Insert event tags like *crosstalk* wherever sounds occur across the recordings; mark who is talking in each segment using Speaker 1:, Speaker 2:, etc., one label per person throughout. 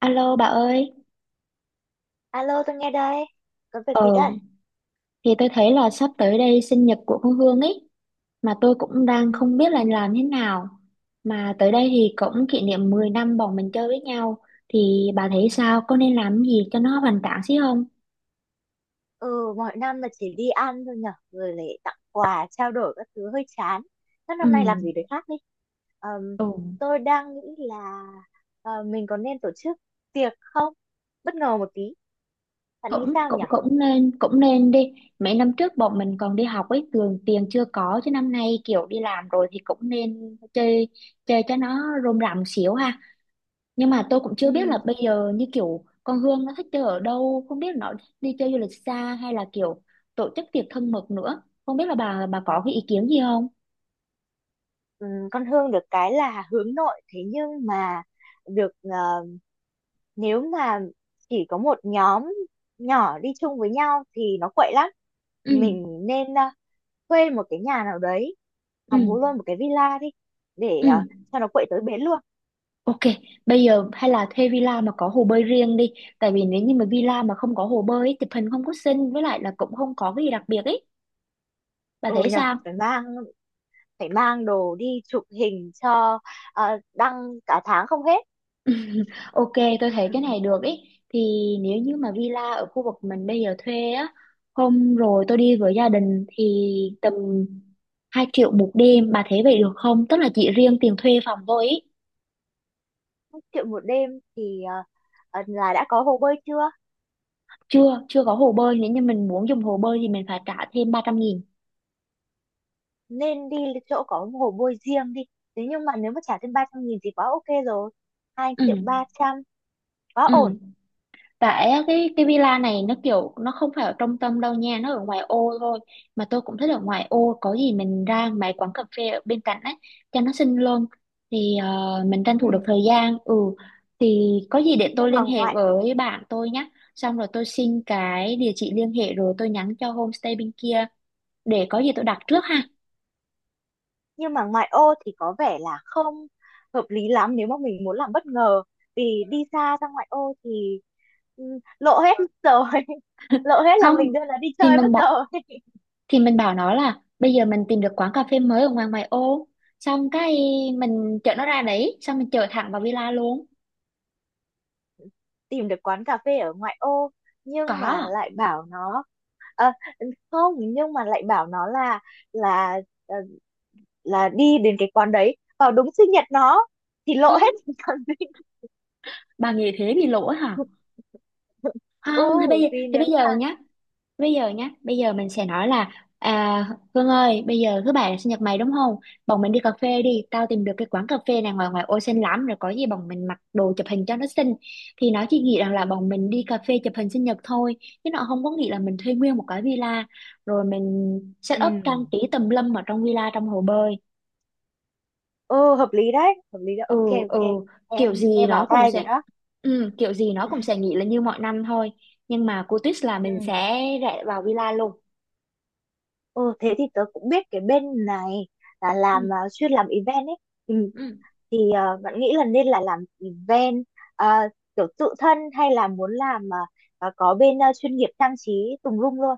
Speaker 1: Alo bà ơi,
Speaker 2: Alo, tôi nghe đây. Có việc gì
Speaker 1: ờ
Speaker 2: đây?
Speaker 1: thì tôi thấy là sắp tới đây sinh nhật của con Hương ấy mà tôi cũng đang
Speaker 2: Ừ.
Speaker 1: không biết là làm thế nào. Mà tới đây thì cũng kỷ niệm 10 năm bọn mình chơi với nhau thì bà thấy sao? Có nên làm gì cho nó hoành tráng xí không?
Speaker 2: Ừ, mọi năm là chỉ đi ăn thôi nhở. Rồi lại tặng quà, trao đổi các thứ hơi chán. Thế
Speaker 1: Ừ,
Speaker 2: năm nay làm gì đấy khác đi. Ờm,
Speaker 1: ừ,
Speaker 2: tôi đang nghĩ là mình có nên tổ chức tiệc không? Bất ngờ một tí. Bạn nghĩ
Speaker 1: cũng
Speaker 2: sao
Speaker 1: cũng
Speaker 2: nhở?
Speaker 1: cũng nên đi. Mấy năm trước bọn mình còn đi học ấy, thường tiền chưa có chứ năm nay kiểu đi làm rồi thì cũng nên chơi chơi cho nó rôm rả một xíu ha. Nhưng mà tôi cũng chưa biết là
Speaker 2: Ừ,
Speaker 1: bây giờ như kiểu con Hương nó thích chơi ở đâu, không biết là nó đi chơi du lịch xa hay là kiểu tổ chức tiệc thân mật nữa. Không biết là bà có cái ý kiến gì không?
Speaker 2: ừ, con Hương được cái là hướng nội. Thế nhưng mà được, nếu mà chỉ có một nhóm nhỏ đi chung với nhau thì nó quậy lắm.
Speaker 1: Ừ,
Speaker 2: Mình nên thuê một cái nhà nào đấy, hoặc
Speaker 1: ừ,
Speaker 2: mua luôn một cái villa đi để
Speaker 1: ừ.
Speaker 2: cho nó quậy tới bến luôn.
Speaker 1: Ok, bây giờ hay là thuê villa mà có hồ bơi riêng đi. Tại vì nếu như mà villa mà không có hồ bơi ấy, chụp hình không có xinh với lại là cũng không có cái gì đặc biệt ấy. Bà
Speaker 2: Ừ
Speaker 1: thấy
Speaker 2: nhờ,
Speaker 1: sao?
Speaker 2: phải mang đồ đi chụp hình cho đăng cả tháng không hết.
Speaker 1: *laughs* Ok, tôi thấy cái này được ý. Thì nếu như mà villa ở khu vực mình bây giờ thuê á, hôm rồi tôi đi với gia đình thì tầm 2 triệu một đêm, bà thấy vậy được không? Tức là chỉ riêng tiền thuê phòng thôi ý.
Speaker 2: 1 triệu một đêm thì là đã có hồ bơi chưa?
Speaker 1: Chưa, chưa có hồ bơi, nếu như mình muốn dùng hồ bơi thì mình phải trả thêm 300 nghìn.
Speaker 2: Nên đi chỗ có hồ bơi riêng đi. Thế nhưng mà nếu mà trả thêm 300.000 thì quá ok rồi. Hai
Speaker 1: Ừ,
Speaker 2: triệu ba trăm quá ổn.
Speaker 1: ừ. Tại á, cái villa này nó kiểu nó không phải ở trung tâm đâu nha, nó ở ngoài ô thôi. Mà tôi cũng thích ở ngoài ô, có gì mình ra mấy quán cà phê ở bên cạnh ấy cho nó xinh luôn. Thì ờ, mình tranh thủ được
Speaker 2: Ừ.
Speaker 1: thời gian. Ừ thì có gì để tôi
Speaker 2: nhưng mà
Speaker 1: liên hệ
Speaker 2: ngoại
Speaker 1: với bạn tôi nhé. Xong rồi tôi xin cái địa chỉ liên hệ rồi tôi nhắn cho homestay bên kia để có gì tôi đặt trước ha.
Speaker 2: nhưng mà ngoại ô thì có vẻ là không hợp lý lắm nếu mà mình muốn làm bất ngờ, vì đi xa ra ngoại ô thì ừ, lộ hết mất rồi *laughs* lộ hết là
Speaker 1: Không
Speaker 2: mình đưa nó đi
Speaker 1: thì
Speaker 2: chơi
Speaker 1: mình
Speaker 2: mất
Speaker 1: bảo
Speaker 2: rồi *laughs*
Speaker 1: nó là bây giờ mình tìm được quán cà phê mới ở ngoài ngoại ô xong cái mình chở nó ra đấy xong mình chở thẳng vào villa luôn
Speaker 2: tìm được quán cà phê ở ngoại ô, nhưng mà
Speaker 1: có
Speaker 2: lại bảo nó ờ, không, nhưng mà lại bảo nó là ờ, là đi đến cái quán đấy vào đúng sinh nhật nó thì lộ
Speaker 1: ừ,
Speaker 2: hết *laughs* còn gì.
Speaker 1: bà nghĩ thế thì lỗi hả
Speaker 2: Ừ,
Speaker 1: không
Speaker 2: vì
Speaker 1: thế bây
Speaker 2: nếu
Speaker 1: giờ
Speaker 2: mà
Speaker 1: nhá. Bây giờ nhá, bây giờ mình sẽ nói là à, Hương ơi, bây giờ thứ bảy là sinh nhật mày đúng không? Bọn mình đi cà phê đi, tao tìm được cái quán cà phê này ngoài ngoài ô xinh lắm rồi có gì bọn mình mặc đồ chụp hình cho nó xinh. Thì nó chỉ nghĩ rằng là bọn mình đi cà phê chụp hình sinh nhật thôi, chứ nó không có nghĩ là mình thuê nguyên một cái villa rồi mình set up
Speaker 2: ừ,
Speaker 1: trang trí tùm lum ở trong villa trong hồ bơi.
Speaker 2: ừ, hợp lý đấy, hợp lý đấy, ok,
Speaker 1: Ừ ừ,
Speaker 2: ok.
Speaker 1: kiểu
Speaker 2: Em
Speaker 1: gì
Speaker 2: nghe
Speaker 1: nó
Speaker 2: vào
Speaker 1: cũng
Speaker 2: tai
Speaker 1: sẽ
Speaker 2: rồi đó.
Speaker 1: ừ, kiểu gì nó cũng sẽ nghĩ là như mọi năm thôi, nhưng mà cú twist là mình
Speaker 2: Ừ.
Speaker 1: sẽ rẽ vào villa luôn.
Speaker 2: Ừ, thế thì tớ cũng biết cái bên này là làm,
Speaker 1: Ừ.
Speaker 2: à, chuyên làm event ấy, thì,
Speaker 1: Ừ.
Speaker 2: thì bạn nghĩ là nên là làm event, à, kiểu tự thân, hay là muốn làm có bên, chuyên nghiệp trang trí tùm lum luôn.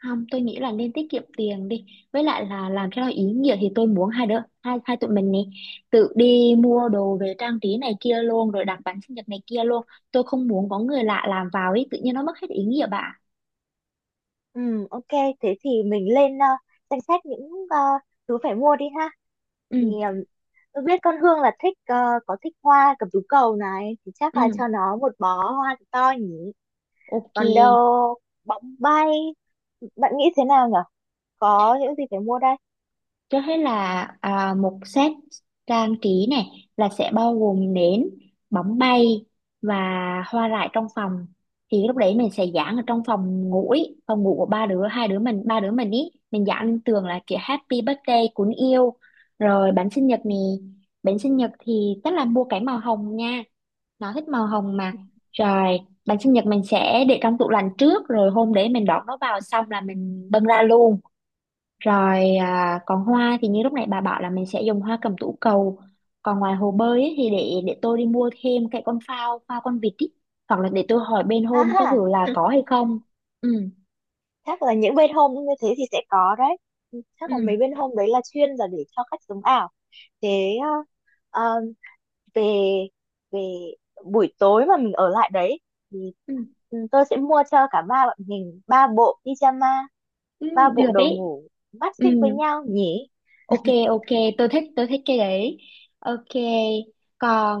Speaker 1: Không, tôi nghĩ là nên tiết kiệm tiền đi. Với lại là làm cho nó ý nghĩa thì tôi muốn hai đứa, hai tụi mình này tự đi mua đồ về trang trí này kia luôn rồi đặt bánh sinh nhật này kia luôn. Tôi không muốn có người lạ làm vào ý, tự nhiên nó mất hết ý nghĩa bà.
Speaker 2: Ừ, ok. Thế thì mình lên danh sách những thứ phải mua đi ha. Thì
Speaker 1: Ừ,
Speaker 2: tôi biết con Hương là thích, có thích hoa cẩm tú cầu này, thì chắc là cho
Speaker 1: ừ,
Speaker 2: nó một bó hoa thật to nhỉ.
Speaker 1: ok.
Speaker 2: Còn đâu, bóng bay, bạn nghĩ thế nào nhở? Có những gì phải mua đây?
Speaker 1: Cho hết là một set trang trí này là sẽ bao gồm nến, bóng bay và hoa rải trong phòng. Thì lúc đấy mình sẽ dán ở trong phòng ngủ ý, phòng ngủ của ba đứa, hai đứa mình, ba đứa mình ý. Mình dán lên tường là chữ Happy Birthday cuốn yêu. Rồi bánh sinh nhật này, bánh sinh nhật thì chắc là mua cái màu hồng nha. Nó thích màu hồng mà. Rồi bánh sinh nhật mình sẽ để trong tủ lạnh trước rồi hôm đấy mình đón nó vào xong là mình bưng ra luôn rồi còn hoa thì như lúc nãy bà bảo là mình sẽ dùng hoa cẩm tú cầu. Còn ngoài hồ bơi ấy, thì để tôi đi mua thêm cái con phao, phao con vịt ý. Hoặc là để tôi hỏi bên
Speaker 2: Ha
Speaker 1: hôm có
Speaker 2: ha,
Speaker 1: kiểu là có hay không. Ừ,
Speaker 2: chắc là những bên hôm như thế thì sẽ có đấy. Chắc là
Speaker 1: ừ,
Speaker 2: mấy bên hôm đấy là chuyên là để cho khách sống ảo. Thế ờ, về về buổi tối mà mình ở lại đấy thì
Speaker 1: ừ,
Speaker 2: ừ, tôi sẽ mua cho cả ba bọn mình ba bộ pyjama,
Speaker 1: ừ
Speaker 2: ba bộ
Speaker 1: được
Speaker 2: đồ
Speaker 1: ấy.
Speaker 2: ngủ
Speaker 1: Ừ,
Speaker 2: matching với nhau nhỉ.
Speaker 1: ok, ok, tôi thích cái đấy. Ok,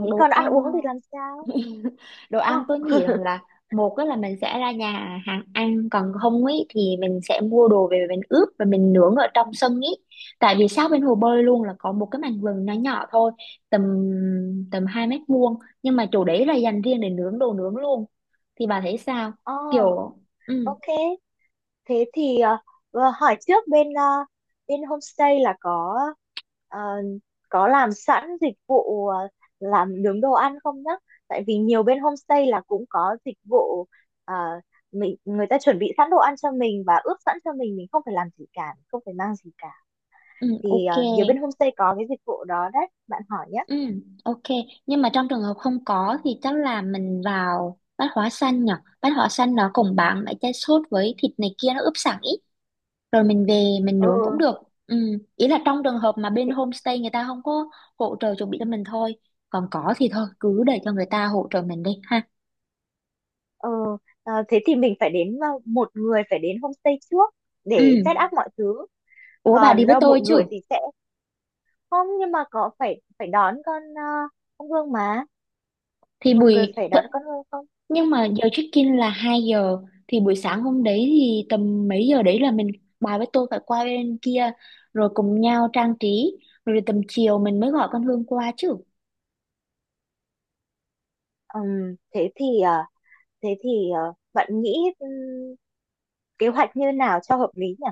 Speaker 2: Thế
Speaker 1: đồ
Speaker 2: còn ăn
Speaker 1: ăn.
Speaker 2: uống thì làm sao?
Speaker 1: *laughs* Đồ
Speaker 2: Ờ,
Speaker 1: ăn tôi nghĩ rằng là một á là mình sẽ ra nhà hàng ăn còn không ấy thì mình sẽ mua đồ về mình ướp và mình nướng ở trong sân ấy tại vì sát bên hồ bơi luôn là có một cái mảnh vườn nhỏ nhỏ thôi tầm tầm hai mét vuông nhưng mà chỗ đấy là dành riêng để nướng đồ nướng luôn thì bà thấy sao
Speaker 2: ờ,
Speaker 1: kiểu ừ
Speaker 2: ok. Thế thì hỏi trước bên, bên homestay là có ờ, có làm sẵn dịch vụ làm nướng đồ ăn không nhá? Tại vì nhiều bên homestay là cũng có dịch vụ, ờ, mình người ta chuẩn bị sẵn đồ ăn cho mình và ướp sẵn cho mình không phải làm gì cả, không phải mang gì cả.
Speaker 1: ừ
Speaker 2: Thì
Speaker 1: ok
Speaker 2: nhiều bên homestay có cái dịch vụ đó đấy, bạn hỏi nhé.
Speaker 1: ừ ok nhưng mà trong trường hợp không có thì chắc là mình vào bát hóa xanh nhở bát hóa xanh nó cũng bán mấy cái sốt với thịt này kia nó ướp sẵn ý rồi mình về mình nướng cũng
Speaker 2: Ừ.
Speaker 1: được ừ. Ý là trong trường hợp mà bên
Speaker 2: Thế,
Speaker 1: homestay người ta không có hỗ trợ chuẩn bị cho mình thôi còn có thì thôi cứ để cho người ta hỗ trợ mình đi ha
Speaker 2: ừ, thế thì mình phải đến, một người phải đến homestay trước để
Speaker 1: ừ.
Speaker 2: set up mọi thứ.
Speaker 1: Ủa bà đi
Speaker 2: Còn
Speaker 1: với tôi
Speaker 2: một
Speaker 1: chứ
Speaker 2: người thì sẽ không, nhưng mà có phải phải đón con, con Hương mà,
Speaker 1: thì
Speaker 2: một người
Speaker 1: buổi
Speaker 2: phải
Speaker 1: th-
Speaker 2: đón con Hương không?
Speaker 1: nhưng mà giờ check in là 2 giờ thì buổi sáng hôm đấy thì tầm mấy giờ đấy là mình bà với tôi phải qua bên kia rồi cùng nhau trang trí rồi tầm chiều mình mới gọi con Hương qua chứ
Speaker 2: Thế thì thế thì bạn nghĩ, kế hoạch như nào cho hợp lý nhỉ?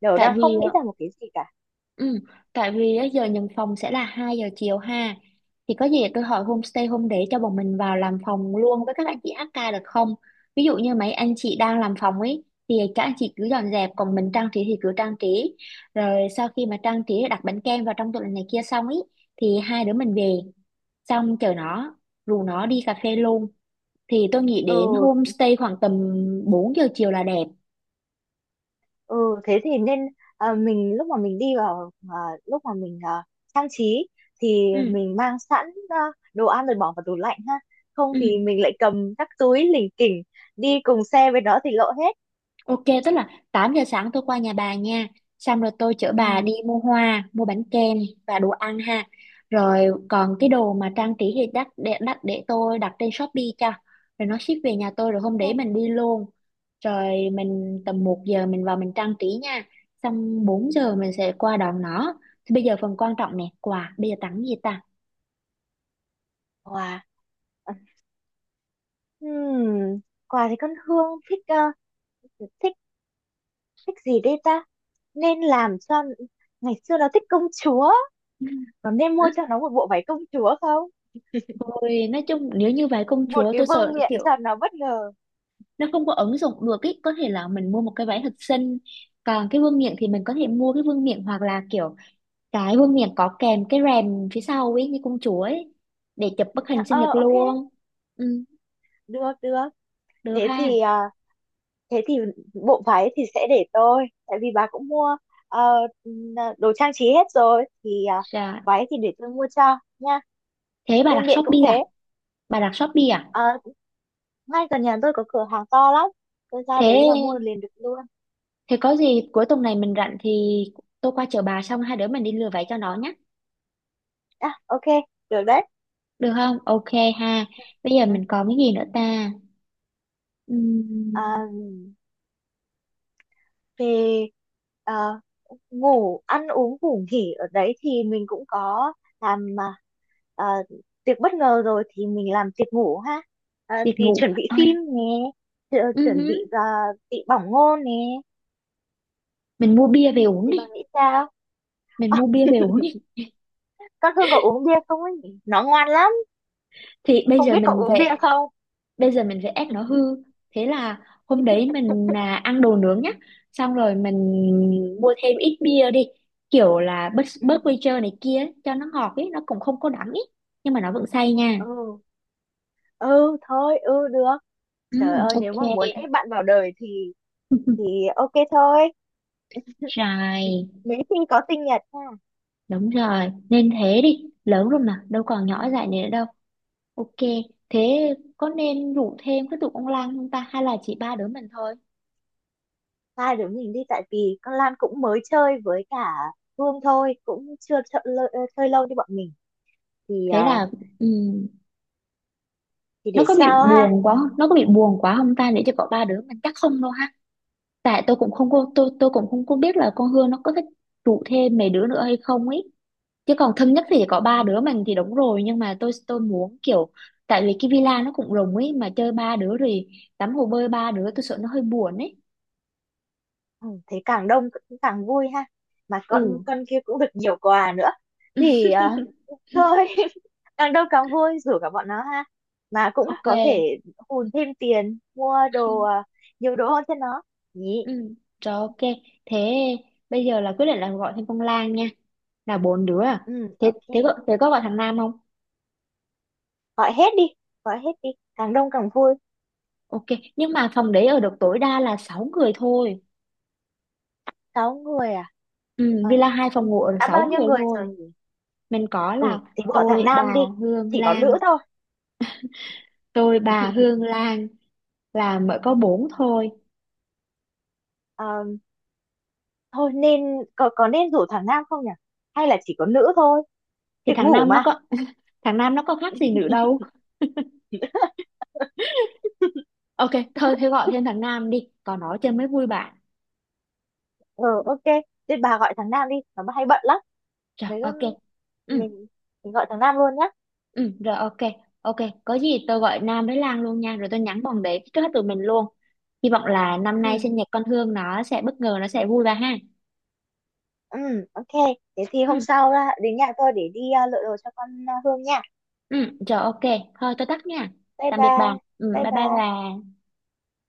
Speaker 2: Đều
Speaker 1: tại
Speaker 2: đang không
Speaker 1: vì
Speaker 2: nghĩ
Speaker 1: ờ,
Speaker 2: ra một cái gì cả.
Speaker 1: Ừ, tại vì á, giờ nhận phòng sẽ là 2 giờ chiều ha. Thì có gì tôi hỏi homestay hôm để cho bọn mình vào làm phòng luôn với các anh chị HK được không? Ví dụ như mấy anh chị đang làm phòng ấy thì các anh chị cứ dọn dẹp còn mình trang trí thì cứ trang trí. Rồi sau khi mà trang trí đặt bánh kem vào trong tủ lạnh này kia xong ấy thì hai đứa mình về xong chờ nó rủ nó đi cà phê luôn. Thì tôi nghĩ đến
Speaker 2: Ừ.
Speaker 1: homestay khoảng tầm 4 giờ chiều là đẹp.
Speaker 2: Ừ, thế thì nên, mình lúc mà mình đi vào, lúc mà mình trang trí thì
Speaker 1: Ừ,
Speaker 2: mình mang sẵn đồ ăn rồi bỏ vào tủ lạnh ha, không
Speaker 1: ừ.
Speaker 2: thì mình lại cầm các túi lỉnh kỉnh đi cùng xe với nó thì lộ hết.
Speaker 1: Ok, tức là 8 giờ sáng tôi qua nhà bà nha. Xong rồi tôi chở
Speaker 2: Ừ,
Speaker 1: bà đi mua hoa, mua bánh kem và đồ ăn ha. Rồi còn cái đồ mà trang trí thì đắt để tôi đặt trên Shopee cho. Rồi nó ship về nhà tôi rồi hôm đấy
Speaker 2: ok.
Speaker 1: mình đi luôn. Rồi mình tầm một giờ mình vào mình trang trí nha. Xong 4 giờ mình sẽ qua đón nó. Thì bây giờ phần quan trọng nè, quà. Bây giờ tặng gì ta?
Speaker 2: Wow. Ừm, quà thì con Hương thích, thích thích gì đây ta? Nên làm cho, ngày xưa nó thích công chúa,
Speaker 1: *laughs*
Speaker 2: nó nên mua cho nó một bộ váy công chúa không?
Speaker 1: Ôi, nói chung nếu như vậy công
Speaker 2: Một
Speaker 1: chúa
Speaker 2: cái
Speaker 1: tôi
Speaker 2: vương
Speaker 1: sợ
Speaker 2: miện
Speaker 1: kiểu
Speaker 2: cho nó bất ngờ.
Speaker 1: nó không có ứng dụng được ý có thể là mình mua một cái váy thật
Speaker 2: *laughs*
Speaker 1: xinh còn cái vương miện thì mình có thể mua cái vương miện hoặc là kiểu cái vương miện có kèm cái rèm phía sau ấy như công chúa ấy để chụp bức hình sinh nhật
Speaker 2: Ờ, ok,
Speaker 1: luôn ừ,
Speaker 2: được, được.
Speaker 1: được
Speaker 2: Thế
Speaker 1: ha
Speaker 2: thì thế thì bộ váy thì sẽ để tôi, tại vì bà cũng mua ờ, đồ trang trí hết rồi, thì
Speaker 1: dạ
Speaker 2: váy thì để tôi mua cho nha.
Speaker 1: thế bà
Speaker 2: Vương
Speaker 1: đặt
Speaker 2: miện cũng
Speaker 1: Shopee à
Speaker 2: thế.
Speaker 1: bà đặt Shopee à
Speaker 2: Ờ, ngay gần nhà tôi có cửa hàng to lắm. Tôi ra
Speaker 1: thế
Speaker 2: đấy là mua liền được luôn.
Speaker 1: thế có gì cuối tuần này mình rảnh thì tôi qua chở bà xong hai đứa mình đi lừa váy cho nó nhé
Speaker 2: À, ok, được đấy.
Speaker 1: được không ok ha bây giờ
Speaker 2: Ừ.
Speaker 1: mình còn cái gì nữa ta. Ừm,
Speaker 2: À, về à, ngủ, ăn uống, ngủ nghỉ ở đấy thì mình cũng có làm à, tiệc bất ngờ rồi thì mình làm tiệc ngủ ha. À,
Speaker 1: việc
Speaker 2: thì
Speaker 1: ngủ
Speaker 2: chuẩn bị
Speaker 1: à,
Speaker 2: phim nè, chuẩn
Speaker 1: ừm,
Speaker 2: bị bị bỏng ngô nè.
Speaker 1: mình mua bia về uống
Speaker 2: Thì
Speaker 1: đi
Speaker 2: bạn nghĩ sao?
Speaker 1: mình
Speaker 2: À,
Speaker 1: mua bia về uống đi
Speaker 2: con Hương có uống bia không ấy nhỉ? Nó ngoan lắm,
Speaker 1: thì bây
Speaker 2: không
Speaker 1: giờ
Speaker 2: biết có
Speaker 1: mình
Speaker 2: uống bia
Speaker 1: phải
Speaker 2: không?
Speaker 1: ép nó hư thế là hôm đấy mình ăn đồ nướng nhá xong rồi mình mua thêm ít bia đi kiểu là bớt
Speaker 2: Ừ,
Speaker 1: bớt quay trơ này kia ấy, cho nó ngọt ấy nó cũng không có đắng ấy nhưng mà nó vẫn say nha
Speaker 2: ừ, ừ thôi, ừ được.
Speaker 1: ừ,
Speaker 2: Trời ơi, nếu mà
Speaker 1: ok.
Speaker 2: muốn ép bạn vào đời thì
Speaker 1: *laughs*
Speaker 2: ok thôi.
Speaker 1: Rồi,
Speaker 2: Mấy khi có sinh nhật nha.
Speaker 1: đúng rồi, nên thế đi, lớn rồi mà, đâu còn
Speaker 2: Ừ.
Speaker 1: nhỏ dại này nữa đâu. Ok, thế có nên rủ thêm cái tụi con Lan không ta, hay là chỉ ba đứa mình thôi?
Speaker 2: Hai đứa mình đi, tại vì con Lan cũng mới chơi với cả Hương thôi, cũng chưa chơi, chơi lâu như bọn mình thì,
Speaker 1: Thế là, ừ,
Speaker 2: thì
Speaker 1: nó
Speaker 2: để
Speaker 1: có bị
Speaker 2: sao ha?
Speaker 1: buồn quá không? Ta để cho có ba đứa mình chắc không đâu ha tại tôi cũng không có tôi cũng không có biết là con Hương nó có thích trụ thêm mấy đứa nữa hay không ấy chứ còn thân nhất thì chỉ có
Speaker 2: Ừ.
Speaker 1: ba đứa mình thì đúng rồi nhưng mà tôi muốn kiểu tại vì cái villa nó cũng rộng ấy mà chơi ba đứa rồi tắm hồ bơi ba đứa tôi sợ nó hơi buồn ấy
Speaker 2: Ừ, thế càng đông cũng càng vui ha, mà con
Speaker 1: ừ
Speaker 2: con kia cũng được nhiều quà nữa thì,
Speaker 1: *laughs*
Speaker 2: thôi *laughs* càng đông càng vui, rủ cả bọn nó ha, mà cũng
Speaker 1: ok
Speaker 2: có thể hùn thêm tiền mua đồ, nhiều đồ hơn cho nó nhỉ.
Speaker 1: ừ rồi ok thế bây giờ là quyết định là gọi thêm con Lan nha là bốn đứa à
Speaker 2: Ừ,
Speaker 1: thế
Speaker 2: ok.
Speaker 1: thế có gọi thằng Nam không.
Speaker 2: Gọi hết đi, gọi hết đi, càng đông càng vui.
Speaker 1: Ok, nhưng mà phòng đấy ở được tối đa là 6 người thôi.
Speaker 2: Sáu người à?
Speaker 1: Ừ,
Speaker 2: Ờ,
Speaker 1: villa hai phòng ngủ ở được
Speaker 2: đã
Speaker 1: 6
Speaker 2: bao nhiêu
Speaker 1: người
Speaker 2: người
Speaker 1: thôi.
Speaker 2: rồi nhỉ?
Speaker 1: Mình có
Speaker 2: Ừ,
Speaker 1: là
Speaker 2: thì bỏ thằng
Speaker 1: tôi,
Speaker 2: Nam
Speaker 1: bà,
Speaker 2: đi,
Speaker 1: Hương,
Speaker 2: chỉ có
Speaker 1: Lan.
Speaker 2: nữ thôi.
Speaker 1: Tôi, bà, Hương, Lan là mới có 4 thôi.
Speaker 2: Ờ, thôi nên, có nên rủ thằng Nam không nhỉ, hay là chỉ có nữ thôi?
Speaker 1: Thì
Speaker 2: Tiệc
Speaker 1: thằng
Speaker 2: ngủ
Speaker 1: Nam nó
Speaker 2: mà.
Speaker 1: có *laughs* thằng Nam nó có khác gì nữa đâu. Ok, thôi thế gọi thêm thằng Nam đi, còn nó chơi mới vui bạn.
Speaker 2: Ừ, ok. Nên bà gọi thằng Nam đi, nó hay bận lắm.
Speaker 1: Rồi,
Speaker 2: Nếu
Speaker 1: ok.
Speaker 2: không,
Speaker 1: Ừ,
Speaker 2: mình mình gọi thằng Nam luôn nhá.
Speaker 1: ừ, rồi ok. Ok, có gì tôi gọi Nam với Lan luôn nha, rồi tôi nhắn bọn đấy trước hết tụi mình luôn. Hy vọng là năm nay
Speaker 2: Ừ.
Speaker 1: sinh nhật con Hương nó sẽ bất ngờ, nó sẽ vui bà ha.
Speaker 2: Ừ, ok, thế thì
Speaker 1: Ừ.
Speaker 2: hôm sau ra đến nhà tôi để đi lựa đồ cho con, à, Hương nha.
Speaker 1: Ừ, rồi ok. Thôi tôi tắt nha.
Speaker 2: Bye
Speaker 1: Tạm biệt bà.
Speaker 2: bye.
Speaker 1: Ừ,
Speaker 2: Bye
Speaker 1: bye bye
Speaker 2: bye.
Speaker 1: bà.